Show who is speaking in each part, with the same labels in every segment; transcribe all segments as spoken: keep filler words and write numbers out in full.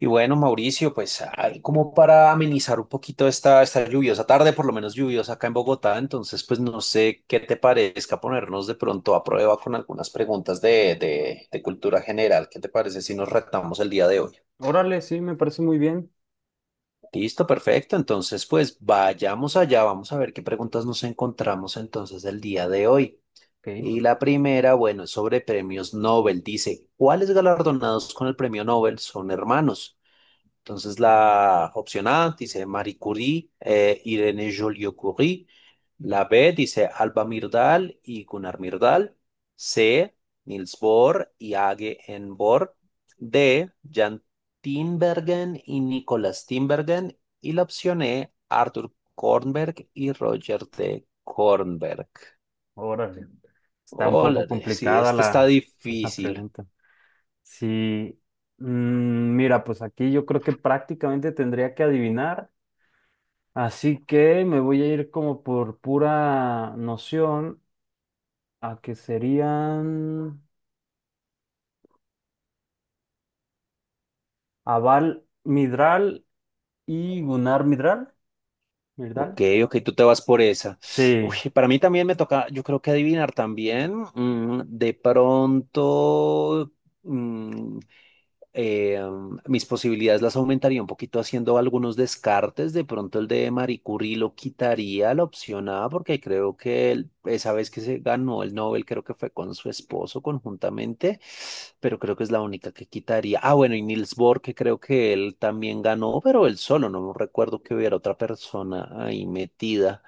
Speaker 1: Y bueno, Mauricio, pues ahí como para amenizar un poquito esta, esta lluviosa tarde, por lo menos lluviosa acá en Bogotá, entonces pues no sé qué te parezca ponernos de pronto a prueba con algunas preguntas de, de, de cultura general. ¿Qué te parece si nos retamos el día de hoy?
Speaker 2: Órale, sí, me parece muy bien.
Speaker 1: Listo, perfecto. Entonces pues vayamos allá, vamos a ver qué preguntas nos encontramos entonces el día de hoy.
Speaker 2: Ok,
Speaker 1: Y la primera, bueno, es sobre premios Nobel. Dice, ¿cuáles galardonados con el premio Nobel son hermanos? Entonces, la opción A dice Marie Curie, eh, Irene Joliot-Curie. La B dice Alba Myrdal y Gunnar Myrdal. C, Niels Bohr y Age N. Bohr. D, Jan Tinbergen y Nicolas Tinbergen. Y la opción E, Arthur Kornberg y Roger de Kornberg.
Speaker 2: órale. Está un
Speaker 1: Hola,
Speaker 2: poco
Speaker 1: sí,
Speaker 2: complicada
Speaker 1: este está
Speaker 2: la, la
Speaker 1: difícil.
Speaker 2: pregunta. Sí, mm, mira, pues aquí yo creo que prácticamente tendría que adivinar, así que me voy a ir como por pura noción a que serían Aval Midral y Gunnar Midral. ¿Midral?
Speaker 1: Ok, ok, tú te vas por esa. Uy,
Speaker 2: Sí,
Speaker 1: para mí también me toca, yo creo que adivinar también. Mm, de pronto, mm, eh, mis posibilidades las aumentaría un poquito haciendo algunos descartes. De pronto el de Marie Curie lo quitaría a la opción A, porque creo que él- esa vez que se ganó el Nobel, creo que fue con su esposo conjuntamente, pero creo que es la única que quitaría. Ah, bueno, y Niels Bohr, que creo que él también ganó, pero él solo, no recuerdo que hubiera otra persona ahí metida.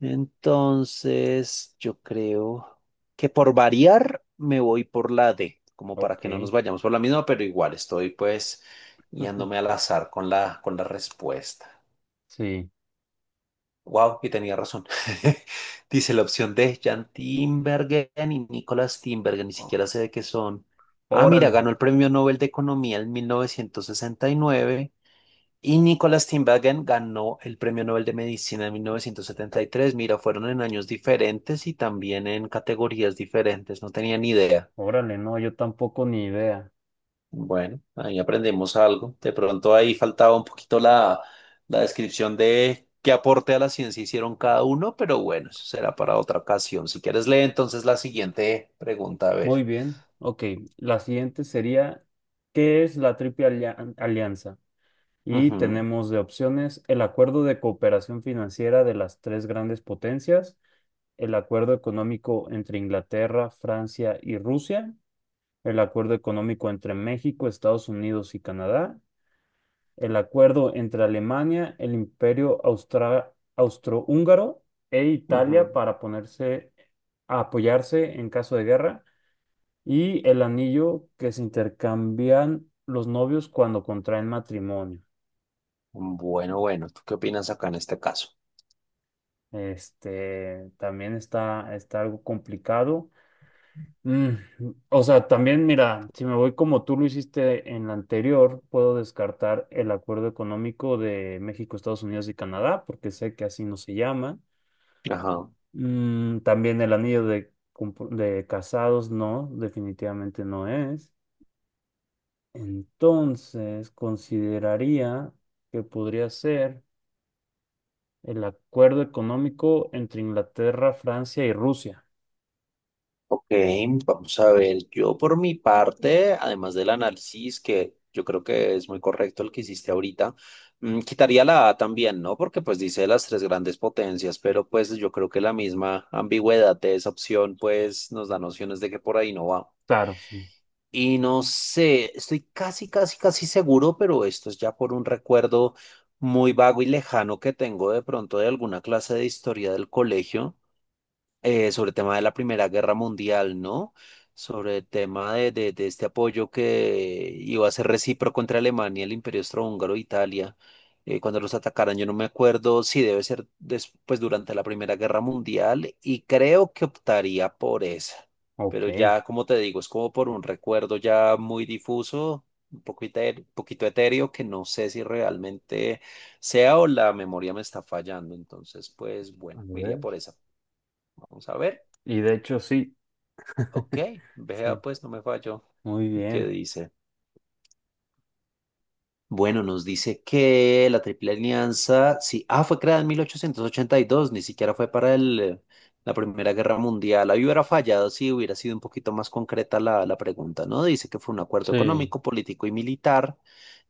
Speaker 1: Entonces, yo creo que por variar me voy por la D, como para
Speaker 2: ok,
Speaker 1: que no nos vayamos por la misma, pero igual estoy pues guiándome al azar con la, con la respuesta.
Speaker 2: sí.
Speaker 1: Wow, y tenía razón. Dice la opción D, Jan Timbergen y Nicolás Timbergen, ni siquiera sé de qué son. Ah, mira,
Speaker 2: Órale,
Speaker 1: ganó el Premio Nobel de Economía en mil novecientos sesenta y nueve y Nicholas Tinbergen ganó el Premio Nobel de Medicina en mil novecientos setenta y tres. Mira, fueron en años diferentes y también en categorías diferentes. No tenía ni idea.
Speaker 2: órale, no, yo tampoco ni idea.
Speaker 1: Bueno, ahí aprendemos algo. De pronto ahí faltaba un poquito la, la descripción de qué aporte a la ciencia hicieron cada uno, pero bueno, eso será para otra ocasión. Si quieres, lee entonces la siguiente pregunta. A
Speaker 2: Muy
Speaker 1: ver.
Speaker 2: bien, ok. La siguiente sería, ¿qué es la Triple Alia- Alianza? Y
Speaker 1: Ujú,
Speaker 2: tenemos de opciones el acuerdo de cooperación financiera de las tres grandes potencias, el acuerdo económico entre Inglaterra, Francia y Rusia, el acuerdo económico entre México, Estados Unidos y Canadá, el acuerdo entre Alemania, el Imperio Austra- austrohúngaro e Italia
Speaker 1: ujú.
Speaker 2: para ponerse a apoyarse en caso de guerra y el anillo que se intercambian los novios cuando contraen matrimonio.
Speaker 1: Bueno, bueno, ¿tú qué opinas acá en este caso?
Speaker 2: Este también está, está algo complicado. Mm, o sea, también mira, si me voy como tú lo hiciste en la anterior, puedo descartar el acuerdo económico de México, Estados Unidos y Canadá, porque sé que así no se llama.
Speaker 1: Ajá.
Speaker 2: Mm, también el anillo de, compu- de casados, no, definitivamente no es. Entonces, consideraría que podría ser el acuerdo económico entre Inglaterra, Francia y Rusia.
Speaker 1: Ok, vamos a ver, yo por mi parte, además del análisis, que yo creo que es muy correcto el que hiciste ahorita, mm, quitaría la A también, ¿no? Porque pues dice las tres grandes potencias, pero pues yo creo que la misma ambigüedad de esa opción pues nos da nociones de que por ahí no va.
Speaker 2: Claro, sí.
Speaker 1: Y no sé, estoy casi, casi, casi seguro, pero esto es ya por un recuerdo muy vago y lejano que tengo de pronto de alguna clase de historia del colegio eh, sobre el tema de la Primera Guerra Mundial, ¿no? Sobre el tema de, de- de este apoyo que iba a ser recíproco entre Alemania, el Imperio Austrohúngaro, e Italia, eh, cuando los atacaran. Yo no me acuerdo si debe ser después durante la Primera Guerra Mundial y creo que optaría por esa. Pero
Speaker 2: Ok.
Speaker 1: ya, como te digo, es como por un recuerdo ya muy difuso, un poco eter- un poquito etéreo, que no sé si realmente sea o la memoria me está fallando. Entonces, pues
Speaker 2: A
Speaker 1: bueno, me iría por
Speaker 2: ver.
Speaker 1: esa. Vamos a ver.
Speaker 2: Y de hecho, sí.
Speaker 1: Ok, vea
Speaker 2: Sí,
Speaker 1: pues, no me falló.
Speaker 2: muy
Speaker 1: ¿Qué
Speaker 2: bien.
Speaker 1: dice? Bueno, nos dice que la Triple Alianza, sí, ah, fue creada en mil ochocientos ochenta y dos. Ni siquiera fue para el, eh, la Primera Guerra Mundial. Ahí hubiera fallado si hubiera sido un poquito más concreta la, la pregunta, ¿no? Dice que fue un acuerdo
Speaker 2: Sí.
Speaker 1: económico, político y militar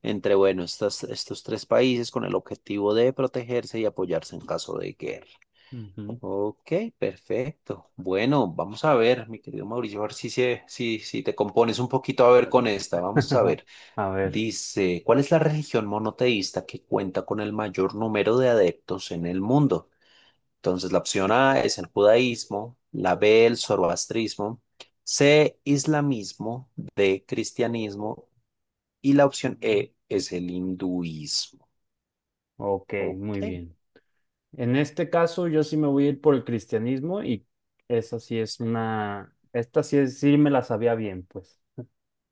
Speaker 1: entre, bueno, estas, estos tres países con el objetivo de protegerse y apoyarse en caso de guerra.
Speaker 2: Ujú.
Speaker 1: Ok, perfecto. Bueno, vamos a ver, mi querido Mauricio, a ver si, se- si, si te compones un poquito a ver con esta. Vamos a ver.
Speaker 2: A ver,
Speaker 1: Dice, ¿cuál es la religión monoteísta que cuenta con el mayor número de adeptos en el mundo? Entonces, la opción A es el judaísmo, la B el zoroastrismo, C islamismo, D cristianismo y la opción E es el hinduismo.
Speaker 2: ok,
Speaker 1: Ok.
Speaker 2: muy bien. En este caso, yo sí me voy a ir por el cristianismo y esa sí es una, esta sí, es- sí me la sabía bien, pues.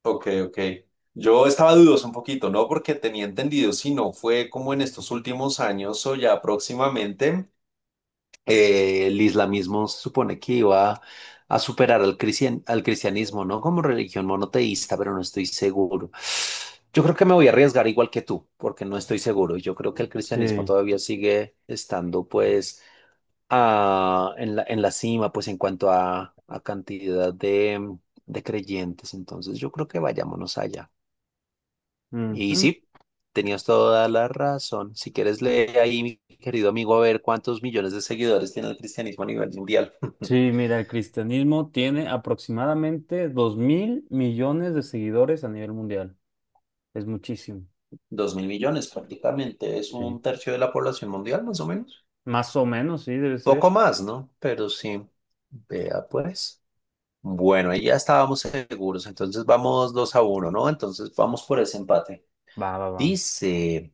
Speaker 1: Ok, ok. Yo estaba dudoso un poquito, ¿no? Porque tenía entendido, si no fue como en estos últimos años o ya próximamente, eh, el islamismo se supone que iba a superar al cristian- al cristianismo, ¿no? Como religión monoteísta, pero no estoy seguro. Yo creo que me voy a arriesgar igual que tú, porque no estoy seguro. Yo creo que el cristianismo
Speaker 2: Sí.
Speaker 1: todavía sigue estando, pues, ah, en la, en la cima, pues, en cuanto a, a cantidad de de creyentes. Entonces, yo creo que vayámonos allá. Y
Speaker 2: Ujú.
Speaker 1: sí, tenías toda la razón. Si quieres, lee ahí, mi querido amigo, a ver cuántos millones de seguidores tiene el cristianismo a nivel mundial.
Speaker 2: Sí, mira, el cristianismo tiene aproximadamente dos mil millones de seguidores a nivel mundial. Es muchísimo,
Speaker 1: Dos mil millones prácticamente, es
Speaker 2: sí.
Speaker 1: un tercio de la población mundial, más o menos.
Speaker 2: Más o menos, sí, debe
Speaker 1: Poco
Speaker 2: ser.
Speaker 1: más, ¿no? Pero sí, vea pues. Bueno, ahí ya estábamos seguros, entonces vamos dos a uno, ¿no? Entonces vamos por ese empate.
Speaker 2: Va, va, va.
Speaker 1: Dice,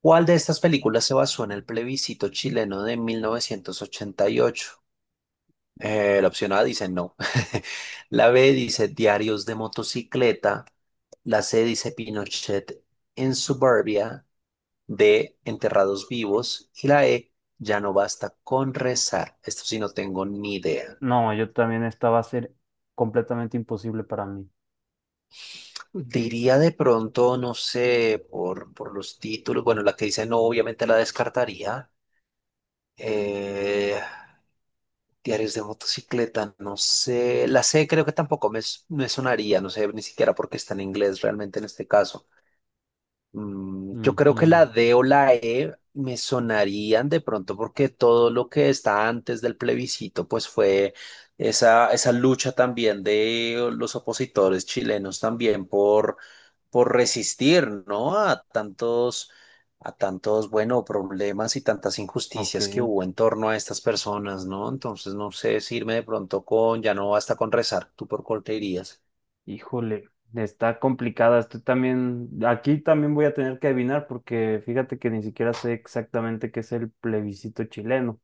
Speaker 1: ¿cuál de estas películas se basó en el plebiscito chileno de mil novecientos ochenta y ocho? Eh, la opción A dice no. La B dice diarios de motocicleta. La C dice Pinochet en suburbia. D, enterrados vivos. Y la E, ya no basta con rezar. Esto sí no tengo ni idea.
Speaker 2: No, yo también esta va a ser completamente imposible para mí.
Speaker 1: Diría de pronto, no sé, por, por los títulos. Bueno, la que dice no, obviamente la descartaría. Eh, Diarios de motocicleta, no sé. La C creo que tampoco me, s- me sonaría, no sé ni siquiera porque está en inglés realmente en este caso. Mm, yo creo que
Speaker 2: Ujú,
Speaker 1: la D o la E me sonarían de pronto porque todo lo que está antes del plebiscito, pues fue esa, esa lucha también de los opositores chilenos también por, por resistir, ¿no? A tantos, a tantos, bueno, problemas y tantas
Speaker 2: ok,
Speaker 1: injusticias que hubo en torno a estas personas, ¿no? Entonces, no sé si irme de pronto con, ya no basta con rezar, ¿tú por cuál te irías?
Speaker 2: híjole, está complicada. Estoy también, aquí también voy a tener que adivinar porque fíjate que ni siquiera sé exactamente qué es el plebiscito chileno.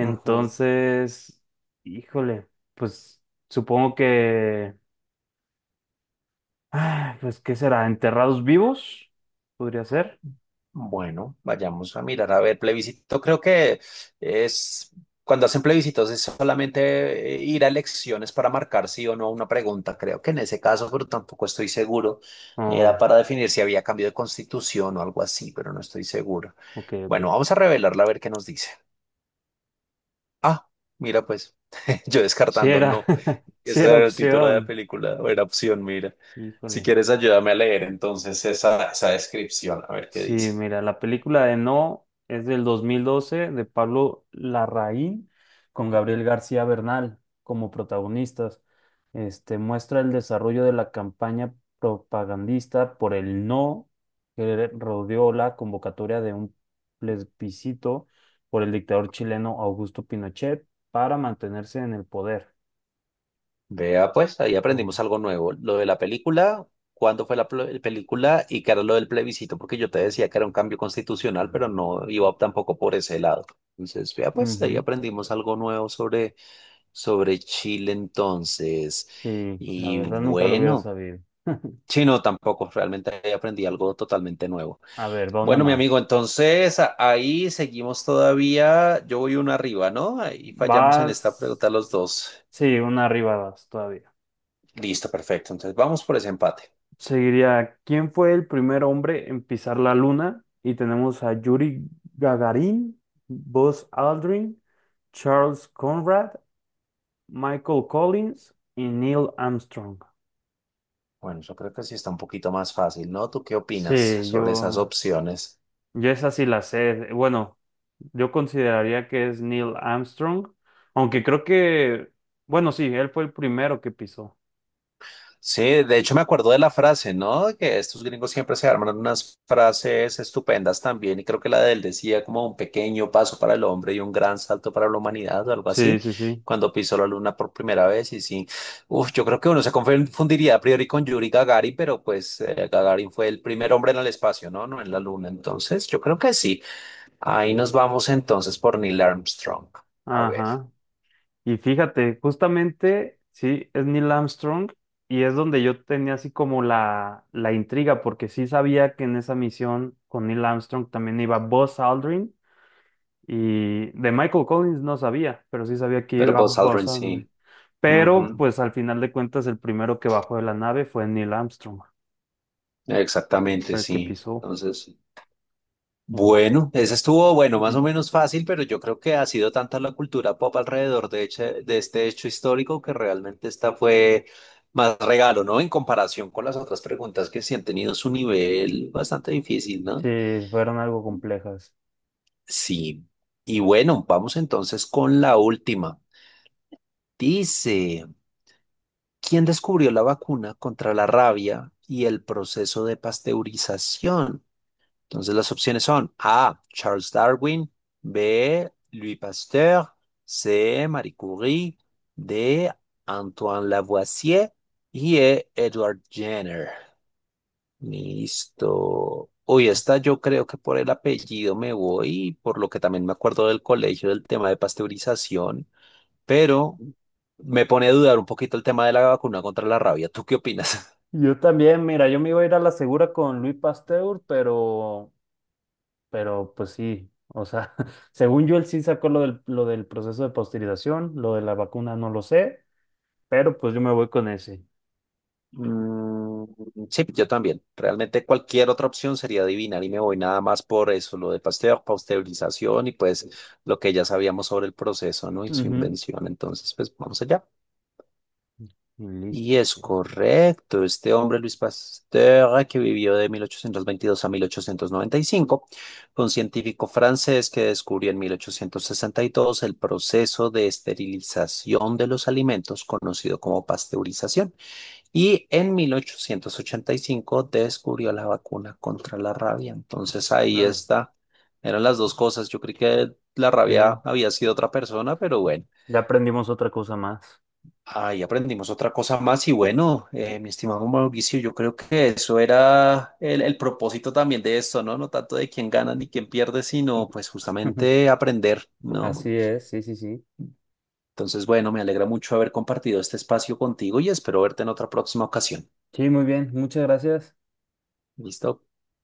Speaker 1: Ujú.
Speaker 2: híjole, pues supongo que, ah, pues, ¿qué será? ¿Enterrados vivos? ¿Podría ser?
Speaker 1: Bueno, vayamos a mirar, a ver, plebiscito. Creo que es cuando hacen plebiscitos es solamente eh, ir a elecciones para marcar sí o no a una pregunta. Creo que en ese caso, pero tampoco estoy seguro. Era
Speaker 2: Oh,
Speaker 1: para definir si había cambio de constitución o algo así, pero no estoy seguro.
Speaker 2: ok, ok.
Speaker 1: Bueno, vamos a revelarla a ver qué nos dice. Ah, mira, pues yo
Speaker 2: Sí
Speaker 1: descartando
Speaker 2: era,
Speaker 1: no.
Speaker 2: sí
Speaker 1: Ese
Speaker 2: era
Speaker 1: era el título de la
Speaker 2: opción.
Speaker 1: película, o era opción, mira. Si
Speaker 2: Híjole.
Speaker 1: quieres, ayúdame a leer entonces esa, esa descripción, a ver qué
Speaker 2: Sí,
Speaker 1: dice.
Speaker 2: mira, la película de No es del dos mil doce de Pablo Larraín con Gabriel García Bernal como protagonistas. Este muestra el desarrollo de la campaña propagandista por el No que rodeó la convocatoria de un plebiscito por el dictador chileno Augusto Pinochet para mantenerse en el poder.
Speaker 1: Vea, pues ahí
Speaker 2: No.
Speaker 1: aprendimos algo nuevo. Lo de la película, cuándo fue la pl- película y qué era lo del plebiscito, porque yo te decía que era un cambio constitucional, pero no iba tampoco por ese lado. Entonces, vea, pues ahí
Speaker 2: Ujú,
Speaker 1: aprendimos algo nuevo sobre, sobre Chile entonces.
Speaker 2: sí, la
Speaker 1: Y
Speaker 2: verdad nunca lo hubiera
Speaker 1: bueno,
Speaker 2: sabido.
Speaker 1: sí, no, tampoco, realmente ahí aprendí algo totalmente nuevo.
Speaker 2: A ver, va una
Speaker 1: Bueno, mi amigo,
Speaker 2: más.
Speaker 1: entonces a- ahí seguimos todavía. Yo voy uno arriba, ¿no? Ahí fallamos en esta
Speaker 2: Vas.
Speaker 1: pregunta los dos.
Speaker 2: Sí, una arriba vas todavía.
Speaker 1: Listo, perfecto. Entonces vamos por ese empate.
Speaker 2: Seguiría, ¿quién fue el primer hombre en pisar la luna? Y tenemos a Yuri Gagarin, Buzz Aldrin, Charles Conrad, Michael Collins y Neil Armstrong.
Speaker 1: Bueno, yo creo que sí está un poquito más fácil, ¿no? ¿Tú qué opinas
Speaker 2: Sí,
Speaker 1: sobre esas
Speaker 2: yo,
Speaker 1: opciones?
Speaker 2: yo esa sí la sé. Bueno, yo consideraría que es Neil Armstrong, aunque creo que, bueno, sí, él fue el primero que pisó.
Speaker 1: Sí, de hecho me acuerdo de la frase, ¿no? Que estos gringos siempre se arman unas frases estupendas también, y creo que la de él decía como un pequeño paso para el hombre y un gran salto para la humanidad o algo
Speaker 2: Sí,
Speaker 1: así,
Speaker 2: sí, sí.
Speaker 1: cuando pisó la luna por primera vez, y sí, uf, yo creo que uno se confundiría a priori con Yuri Gagarin, pero pues eh, Gagarin fue el primer hombre en el espacio, ¿no? No en la luna, entonces yo creo que sí. Ahí nos vamos entonces por Neil Armstrong. A ver.
Speaker 2: Ajá. Y fíjate, justamente, sí, es Neil Armstrong y es donde yo tenía así como la, la intriga, porque sí sabía que en esa misión con Neil Armstrong también iba Buzz Aldrin y de Michael Collins no sabía, pero sí sabía que
Speaker 1: Pero
Speaker 2: iba
Speaker 1: Buzz Aldrin
Speaker 2: Buzz Aldrin.
Speaker 1: sí.
Speaker 2: Pero
Speaker 1: Ujú,
Speaker 2: pues al final de cuentas el primero que bajó de la nave fue Neil Armstrong,
Speaker 1: exactamente,
Speaker 2: fue el que
Speaker 1: sí.
Speaker 2: pisó.
Speaker 1: Entonces,
Speaker 2: Mira.
Speaker 1: bueno, ese estuvo, bueno, más
Speaker 2: Ujú.
Speaker 1: o menos fácil, pero yo creo que ha sido tanta la cultura pop alrededor de, eche- de este hecho histórico que realmente esta fue más regalo, ¿no? En comparación con las otras preguntas que sí han tenido su nivel bastante difícil,
Speaker 2: Sí,
Speaker 1: ¿no?
Speaker 2: fueron algo complejas.
Speaker 1: Sí. Y bueno, vamos entonces con la última. Dice, ¿quién descubrió la vacuna contra la rabia y el proceso de pasteurización? Entonces las opciones son A, Charles Darwin, B, Louis Pasteur, C, Marie Curie, D, Antoine Lavoisier y E, Edward Jenner. Listo. Uy, esta yo creo que por el apellido me voy, por lo que también me acuerdo del colegio del tema de pasteurización, pero me pone a dudar un poquito el tema de la vacuna contra la rabia. ¿Tú qué opinas?
Speaker 2: Yo también, mira, yo me iba a ir a la segura con Louis Pasteur, pero Pero pues sí, o sea, según yo él sí sacó lo del, lo del proceso de pasteurización, lo de la vacuna no lo sé, pero pues yo me voy con ese.
Speaker 1: Mm, sí, yo también. Realmente cualquier otra opción sería adivinar y me voy nada más por eso, lo de Pasteur, pasteurización y pues lo que ya sabíamos sobre el proceso, ¿no? Y su
Speaker 2: Ujú,
Speaker 1: invención. Entonces, pues vamos allá.
Speaker 2: y
Speaker 1: Y
Speaker 2: listo.
Speaker 1: es
Speaker 2: Sí.
Speaker 1: correcto, este hombre Luis Pasteur, que vivió de mil ochocientos veintidós a mil ochocientos noventa y cinco fue un científico francés que descubrió en mil ochocientos sesenta y dos el proceso de esterilización de los alimentos, conocido como pasteurización, y en mil ochocientos ochenta y cinco descubrió la vacuna contra la rabia. Entonces ahí
Speaker 2: Órale.
Speaker 1: está, eran las dos cosas. Yo creí que la
Speaker 2: Sí,
Speaker 1: rabia había sido otra persona, pero bueno.
Speaker 2: ya aprendimos otra cosa más.
Speaker 1: Ahí aprendimos otra cosa más y bueno, eh, mi estimado Mauricio, yo creo que eso era el, el propósito también de esto, ¿no? No tanto de quién gana ni quién pierde, sino pues justamente aprender,
Speaker 2: Así
Speaker 1: ¿no?
Speaker 2: es, sí, sí, sí.
Speaker 1: Entonces, bueno, me alegra mucho haber compartido este espacio contigo y espero verte en otra próxima ocasión.
Speaker 2: Sí, muy bien, muchas gracias.
Speaker 1: ¿Listo?